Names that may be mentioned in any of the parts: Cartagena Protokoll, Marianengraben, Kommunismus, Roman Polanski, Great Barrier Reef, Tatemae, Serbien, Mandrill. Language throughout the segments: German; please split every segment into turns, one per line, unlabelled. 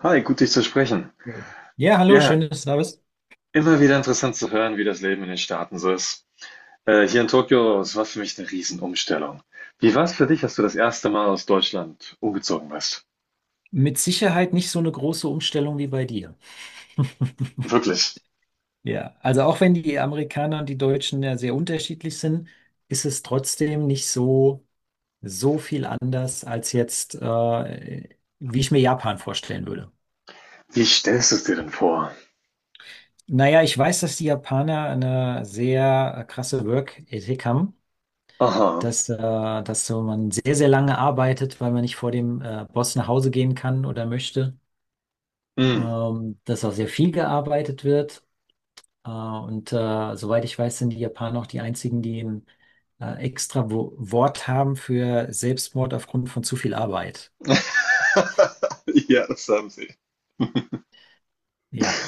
Hi, gut dich zu sprechen.
Hey. Ja, hallo, schön,
Ja,
dass du da bist.
immer wieder interessant zu hören, wie das Leben in den Staaten so ist. Hier in Tokio, es war für mich eine Riesenumstellung. Wie war es für dich, als du das erste Mal aus Deutschland umgezogen bist?
Mit Sicherheit nicht so eine große Umstellung wie bei dir.
Wirklich.
Ja, also auch wenn die Amerikaner und die Deutschen ja sehr unterschiedlich sind, ist es trotzdem nicht so viel anders als jetzt, wie ich mir Japan vorstellen würde.
Wie stellst du es dir denn vor?
Naja, ich weiß, dass die Japaner eine sehr krasse Work-Ethik haben,
Aha.
dass so man sehr lange arbeitet, weil man nicht vor dem Boss nach Hause gehen kann oder möchte,
Hm.
dass auch sehr viel gearbeitet wird. Und soweit ich weiß, sind die Japaner auch die einzigen, die ein extra Wo Wort haben für Selbstmord aufgrund von zu viel Arbeit.
Ja, das haben sie.
Ja,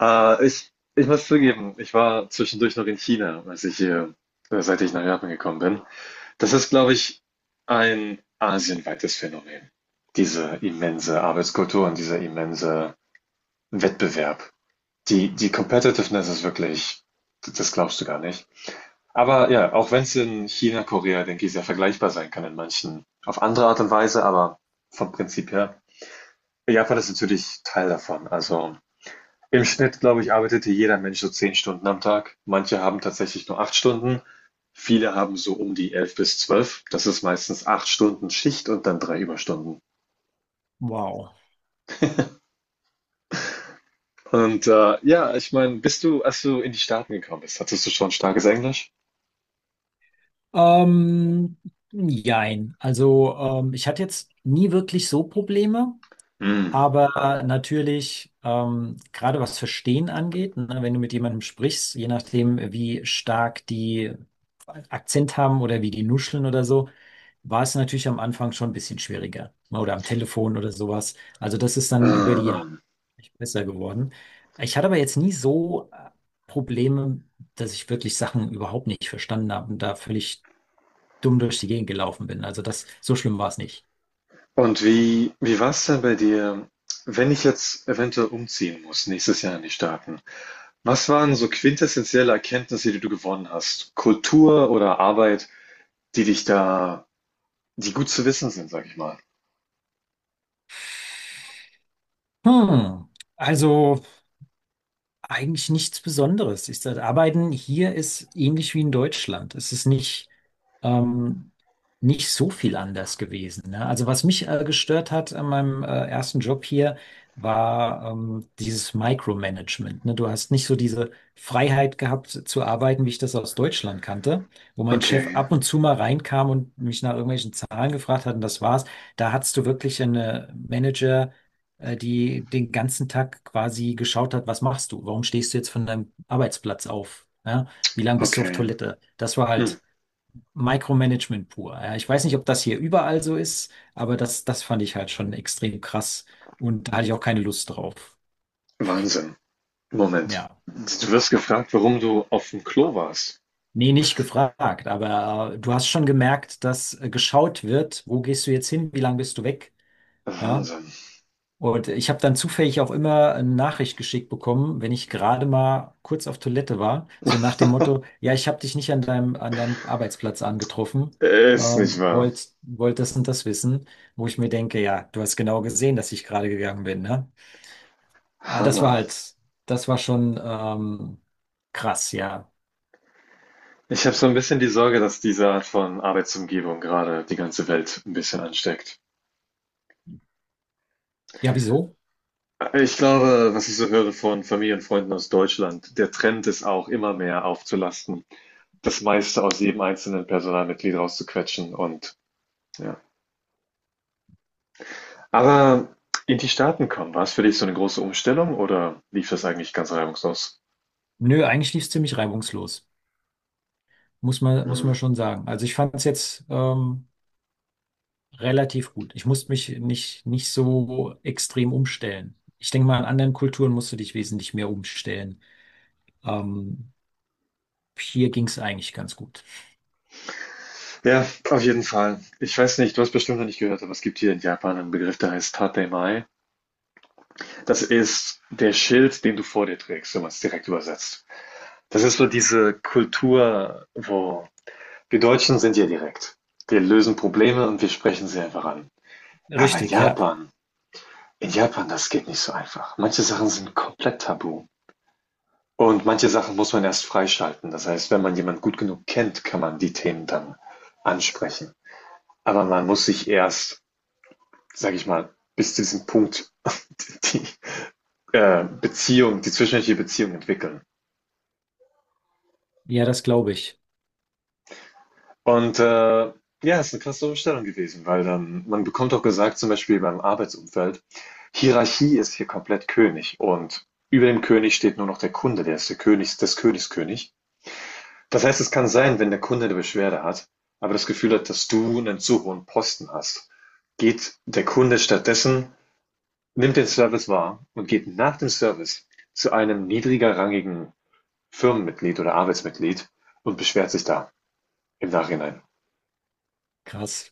Ich muss zugeben, ich war zwischendurch noch in China, seit ich nach Japan gekommen bin. Das ist, glaube ich, ein asienweites Phänomen. Diese immense Arbeitskultur und dieser immense Wettbewerb. Die Competitiveness ist wirklich, das glaubst du gar nicht. Aber ja, auch wenn es in China, Korea, denke ich, sehr vergleichbar sein kann in manchen, auf andere Art und Weise, aber vom Prinzip her. Japan ist natürlich Teil davon. Also im Schnitt, glaube ich, arbeitete jeder Mensch so zehn Stunden am Tag. Manche haben tatsächlich nur acht Stunden. Viele haben so um die elf bis zwölf. Das ist meistens acht Stunden Schicht und dann drei Überstunden.
wow.
Und ja, ich meine, bist du, als du in die Staaten gekommen bist, hattest du schon starkes Englisch?
Ähm, jein. Also ich hatte jetzt nie wirklich so Probleme.
Mm.
Aber natürlich, gerade was Verstehen angeht, ne, wenn du mit jemandem sprichst, je nachdem, wie stark die Akzent haben oder wie die nuscheln oder so, war es natürlich am Anfang schon ein bisschen schwieriger, ne. Oder am Telefon oder sowas. Also das ist dann über
Ah,
die Jahre
ah.
echt besser geworden. Ich hatte aber jetzt nie so Probleme, dass ich wirklich Sachen überhaupt nicht verstanden habe und da völlig dumm durch die Gegend gelaufen bin. Also das, so schlimm war es nicht.
Und wie war es denn bei dir, wenn ich jetzt eventuell umziehen muss, nächstes Jahr in die Staaten? Was waren so quintessentielle Erkenntnisse, die du gewonnen hast? Kultur oder Arbeit, die dich da, die gut zu wissen sind, sag ich mal.
Hm. Also. Eigentlich nichts Besonderes. Ich, das Arbeiten hier ist ähnlich wie in Deutschland. Es ist nicht, ähm, nicht so viel anders gewesen, ne. Also was mich gestört hat an meinem ersten Job hier, war dieses Micromanagement, ne. Du hast nicht so diese Freiheit gehabt zu arbeiten, wie ich das aus Deutschland kannte, wo mein Chef
Okay,
ab und zu mal reinkam und mich nach irgendwelchen Zahlen gefragt hat und das war's. Da hattest du wirklich eine die den ganzen Tag quasi geschaut hat, was machst du? Warum stehst du jetzt von deinem Arbeitsplatz auf? Ja? Wie lange bist du auf
okay.
Toilette? Das war
Hm.
halt Micromanagement pur. Ja? Ich weiß nicht, ob das hier überall so ist, aber das fand ich halt schon extrem krass und da hatte ich auch keine Lust drauf.
Wahnsinn. Moment.
Ja.
Du wirst gefragt, warum du auf dem Klo warst.
Nee, nicht gefragt, aber du hast schon gemerkt, dass geschaut wird, wo gehst du jetzt hin, wie lange bist du weg? Ja,
Wahnsinn.
und ich habe dann zufällig auch immer eine Nachricht geschickt bekommen, wenn ich gerade mal kurz auf Toilette war, so nach dem Motto, ja, ich habe dich nicht an deinem Arbeitsplatz angetroffen,
Ist nicht
ähm,
wahr.
wollt, wollt das und das wissen, wo ich mir denke, ja, du hast genau gesehen, dass ich gerade gegangen bin, ne? Ah, das war
Hammer.
halt, das war schon krass, ja.
Ich habe so ein bisschen die Sorge, dass diese Art von Arbeitsumgebung gerade die ganze Welt ein bisschen ansteckt.
Ja, wieso?
Ich glaube, was ich so höre von Familie und Freunden aus Deutschland, der Trend ist auch immer mehr aufzulasten, das meiste aus jedem einzelnen Personalmitglied rauszuquetschen und ja. Aber in die Staaten kommen, war es für dich so eine große Umstellung oder lief das eigentlich ganz reibungslos?
Nö, eigentlich lief es ziemlich reibungslos, muss man, muss
Hm.
man schon sagen. Also ich fand es jetzt relativ gut. Ich musste mich nicht so extrem umstellen. Ich denke mal, in anderen Kulturen musst du dich wesentlich mehr umstellen. Ähm, hier ging es eigentlich ganz gut.
Ja, auf jeden Fall. Ich weiß nicht, du hast bestimmt noch nicht gehört, aber es gibt hier in Japan einen Begriff, der heißt Tatemae. Das ist der Schild, den du vor dir trägst, wenn man es direkt übersetzt. Das ist so diese Kultur, wo wir Deutschen sind ja direkt. Wir lösen Probleme und wir sprechen sie einfach an. Aber
Richtig, ja.
In Japan, das geht nicht so einfach. Manche Sachen sind komplett tabu. Und manche Sachen muss man erst freischalten. Das heißt, wenn man jemanden gut genug kennt, kann man die Themen dann ansprechen. Aber man muss sich erst, sage ich mal, bis zu diesem Punkt die Beziehung, die zwischenmenschliche Beziehung entwickeln.
Ja, das glaube ich.
Und, ja, ist eine krasse Umstellung gewesen, weil dann man bekommt auch gesagt, zum Beispiel beim Arbeitsumfeld: „Hierarchie ist hier komplett König und über dem König steht nur noch der Kunde, der ist der König des Königs König.“ Das heißt, es kann sein, wenn der Kunde eine Beschwerde hat, aber das Gefühl hat, dass du einen zu hohen Posten hast, geht der Kunde stattdessen nimmt den Service wahr und geht nach dem Service zu einem niedriger rangigen Firmenmitglied oder Arbeitsmitglied und beschwert sich da im Nachhinein.
Krass.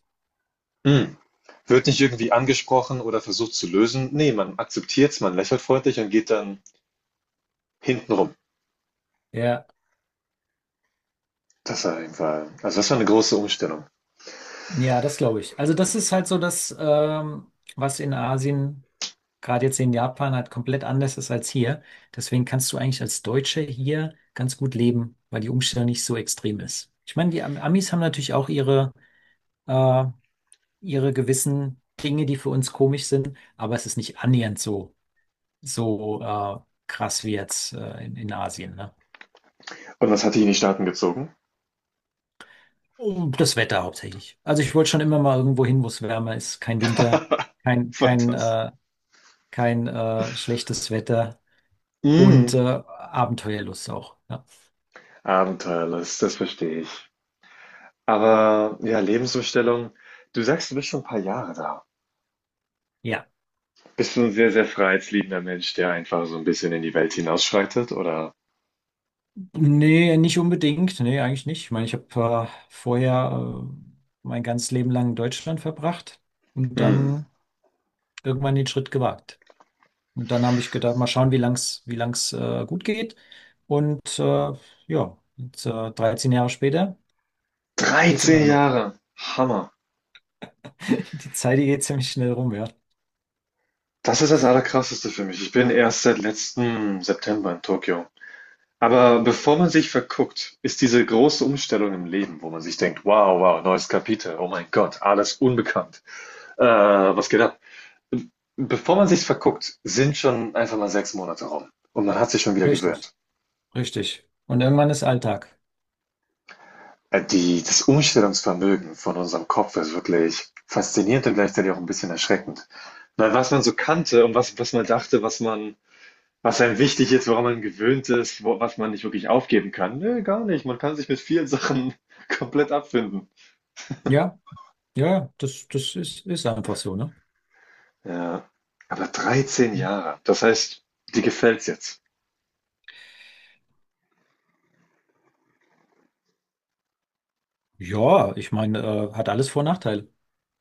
Hm. Wird nicht irgendwie angesprochen oder versucht zu lösen. Nee, man akzeptiert es, man lächelt freundlich und geht dann hintenrum.
Ja,
Das war auf Fall, also das war eine große Umstellung.
ja, das glaube ich. Also das ist halt so das, was in Asien, gerade jetzt in Japan, halt komplett anders ist als hier. Deswegen kannst du eigentlich als Deutscher hier ganz gut leben, weil die Umstellung nicht so extrem ist. Ich meine, die Amis haben natürlich auch ihre äh, ihre gewissen Dinge, die für uns komisch sind, aber es ist nicht annähernd so krass wie jetzt in Asien, ne?
Und was hat die in die Staaten gezogen?
Und das Wetter hauptsächlich. Also ich wollte schon immer mal irgendwo hin, wo es wärmer ist, kein Winter, kein, kein,
Fantas.
äh, kein schlechtes Wetter und
Mhm.
Abenteuerlust auch. Ja.
Abenteuerlust, das verstehe ich. Aber ja, Lebensumstellung, du sagst, du bist schon ein paar Jahre da.
Ja.
Bist du ein sehr, sehr freiheitsliebender Mensch, der einfach so ein bisschen in die Welt hinausschreitet, oder?
Nee, nicht unbedingt. Nee, eigentlich nicht. Ich meine, ich habe vorher mein ganzes Leben lang in Deutschland verbracht und
Hm,
dann irgendwann den Schritt gewagt. Und dann habe ich gedacht, mal schauen, wie lang's gut geht. Und ja, jetzt, 13 Jahre später geht's immer
13
noch.
Jahre, Hammer.
Die Zeit, die geht ziemlich schnell rum, ja.
Das ist das Allerkrasseste für mich. Ich bin erst seit letzten September in Tokio. Aber bevor man sich verguckt, ist diese große Umstellung im Leben, wo man sich denkt, wow, wow, neues Kapitel, oh mein Gott, alles unbekannt, äh, was geht ab? Bevor man sich verguckt, sind schon einfach mal sechs Monate rum und man hat sich schon wieder
Richtig,
gewöhnt.
richtig. Und irgendwann ist Alltag.
Das Umstellungsvermögen von unserem Kopf ist wirklich faszinierend und gleichzeitig auch ein bisschen erschreckend. Weil was man so kannte und was, was man dachte, was man Was einem wichtig ist, woran man gewöhnt ist, was man nicht wirklich aufgeben kann. Nö, gar nicht. Man kann sich mit vielen Sachen komplett abfinden.
Ja, ja, das ist, ist einfach so, ne?
Ja. Aber 13 Jahre. Das heißt, dir gefällt's jetzt.
Ja, ich meine, hat alles Vor- und Nachteile.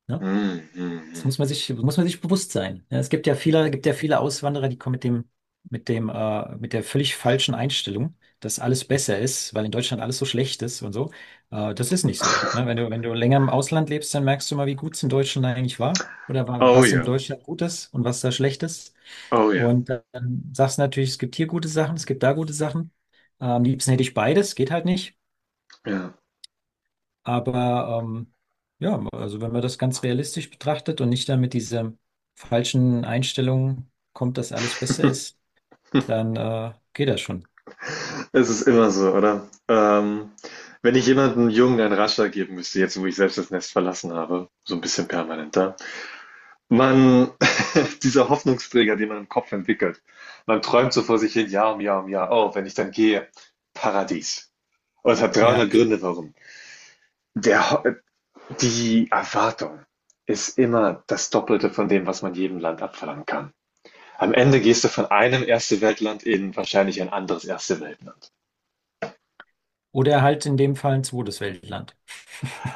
Ne?
Hm, hm,
Das
hm.
muss man sich bewusst sein. Ja, es gibt ja viele Auswanderer, die kommen mit dem, mit der völlig falschen Einstellung, dass alles besser ist, weil in Deutschland alles so schlecht ist und so. Das ist nicht so. Ne? Wenn du, wenn du länger im Ausland lebst, dann merkst du mal, wie gut es in Deutschland eigentlich war oder
Oh
was in
ja.
Deutschland gut ist und was da schlecht ist.
Oh ja.
Und dann sagst du natürlich, es gibt hier gute Sachen, es gibt da gute Sachen. Am liebsten hätte ich beides, geht halt nicht.
Ja.
Aber ja, also wenn man das ganz realistisch betrachtet und nicht dann mit dieser falschen Einstellung kommt, dass alles besser ist, dann geht das schon.
Es ist immer so, oder? Wenn ich jemandem Jungen einen Ratschlag geben müsste, jetzt wo ich selbst das Nest verlassen habe, so ein bisschen permanent, man dieser Hoffnungsträger, den man im Kopf entwickelt. Man träumt so vor sich hin, Jahr um Jahr um Jahr. Oh, wenn ich dann gehe, Paradies. Und es hat
Ja.
300 Gründe, warum. Der, Ho- Die Erwartung ist immer das Doppelte von dem, was man jedem Land abverlangen kann. Am Ende gehst du von einem Erste-Welt-Land in wahrscheinlich ein anderes Erste-Welt-Land.
Oder halt in dem Fall ein zweites Weltland.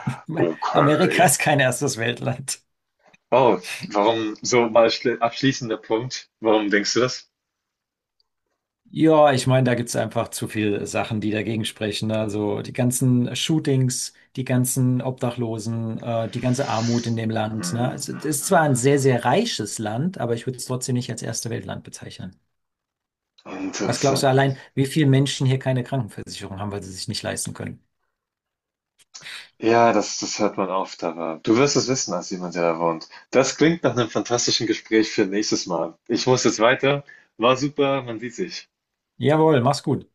Amerika
Okay.
ist kein erstes Weltland.
Oh, warum so mal abschließender Punkt? Warum denkst du das?
Ja, ich meine, da gibt's einfach zu viele Sachen, die dagegen sprechen. Also die ganzen Shootings, die ganzen Obdachlosen, die ganze Armut in dem Land. Ne?
Hm,
Also, es ist zwar
hm,
ein sehr reiches Land, aber ich würde es trotzdem nicht als erste Weltland bezeichnen.
hm.
Was glaubst du
Interessant.
allein, wie viele Menschen hier keine Krankenversicherung haben, weil sie sich nicht leisten können?
Ja, das hört man oft, aber du wirst es wissen als jemand, der da wohnt. Das klingt nach einem fantastischen Gespräch für nächstes Mal. Ich muss jetzt weiter. War super, man sieht sich.
Jawohl, mach's gut.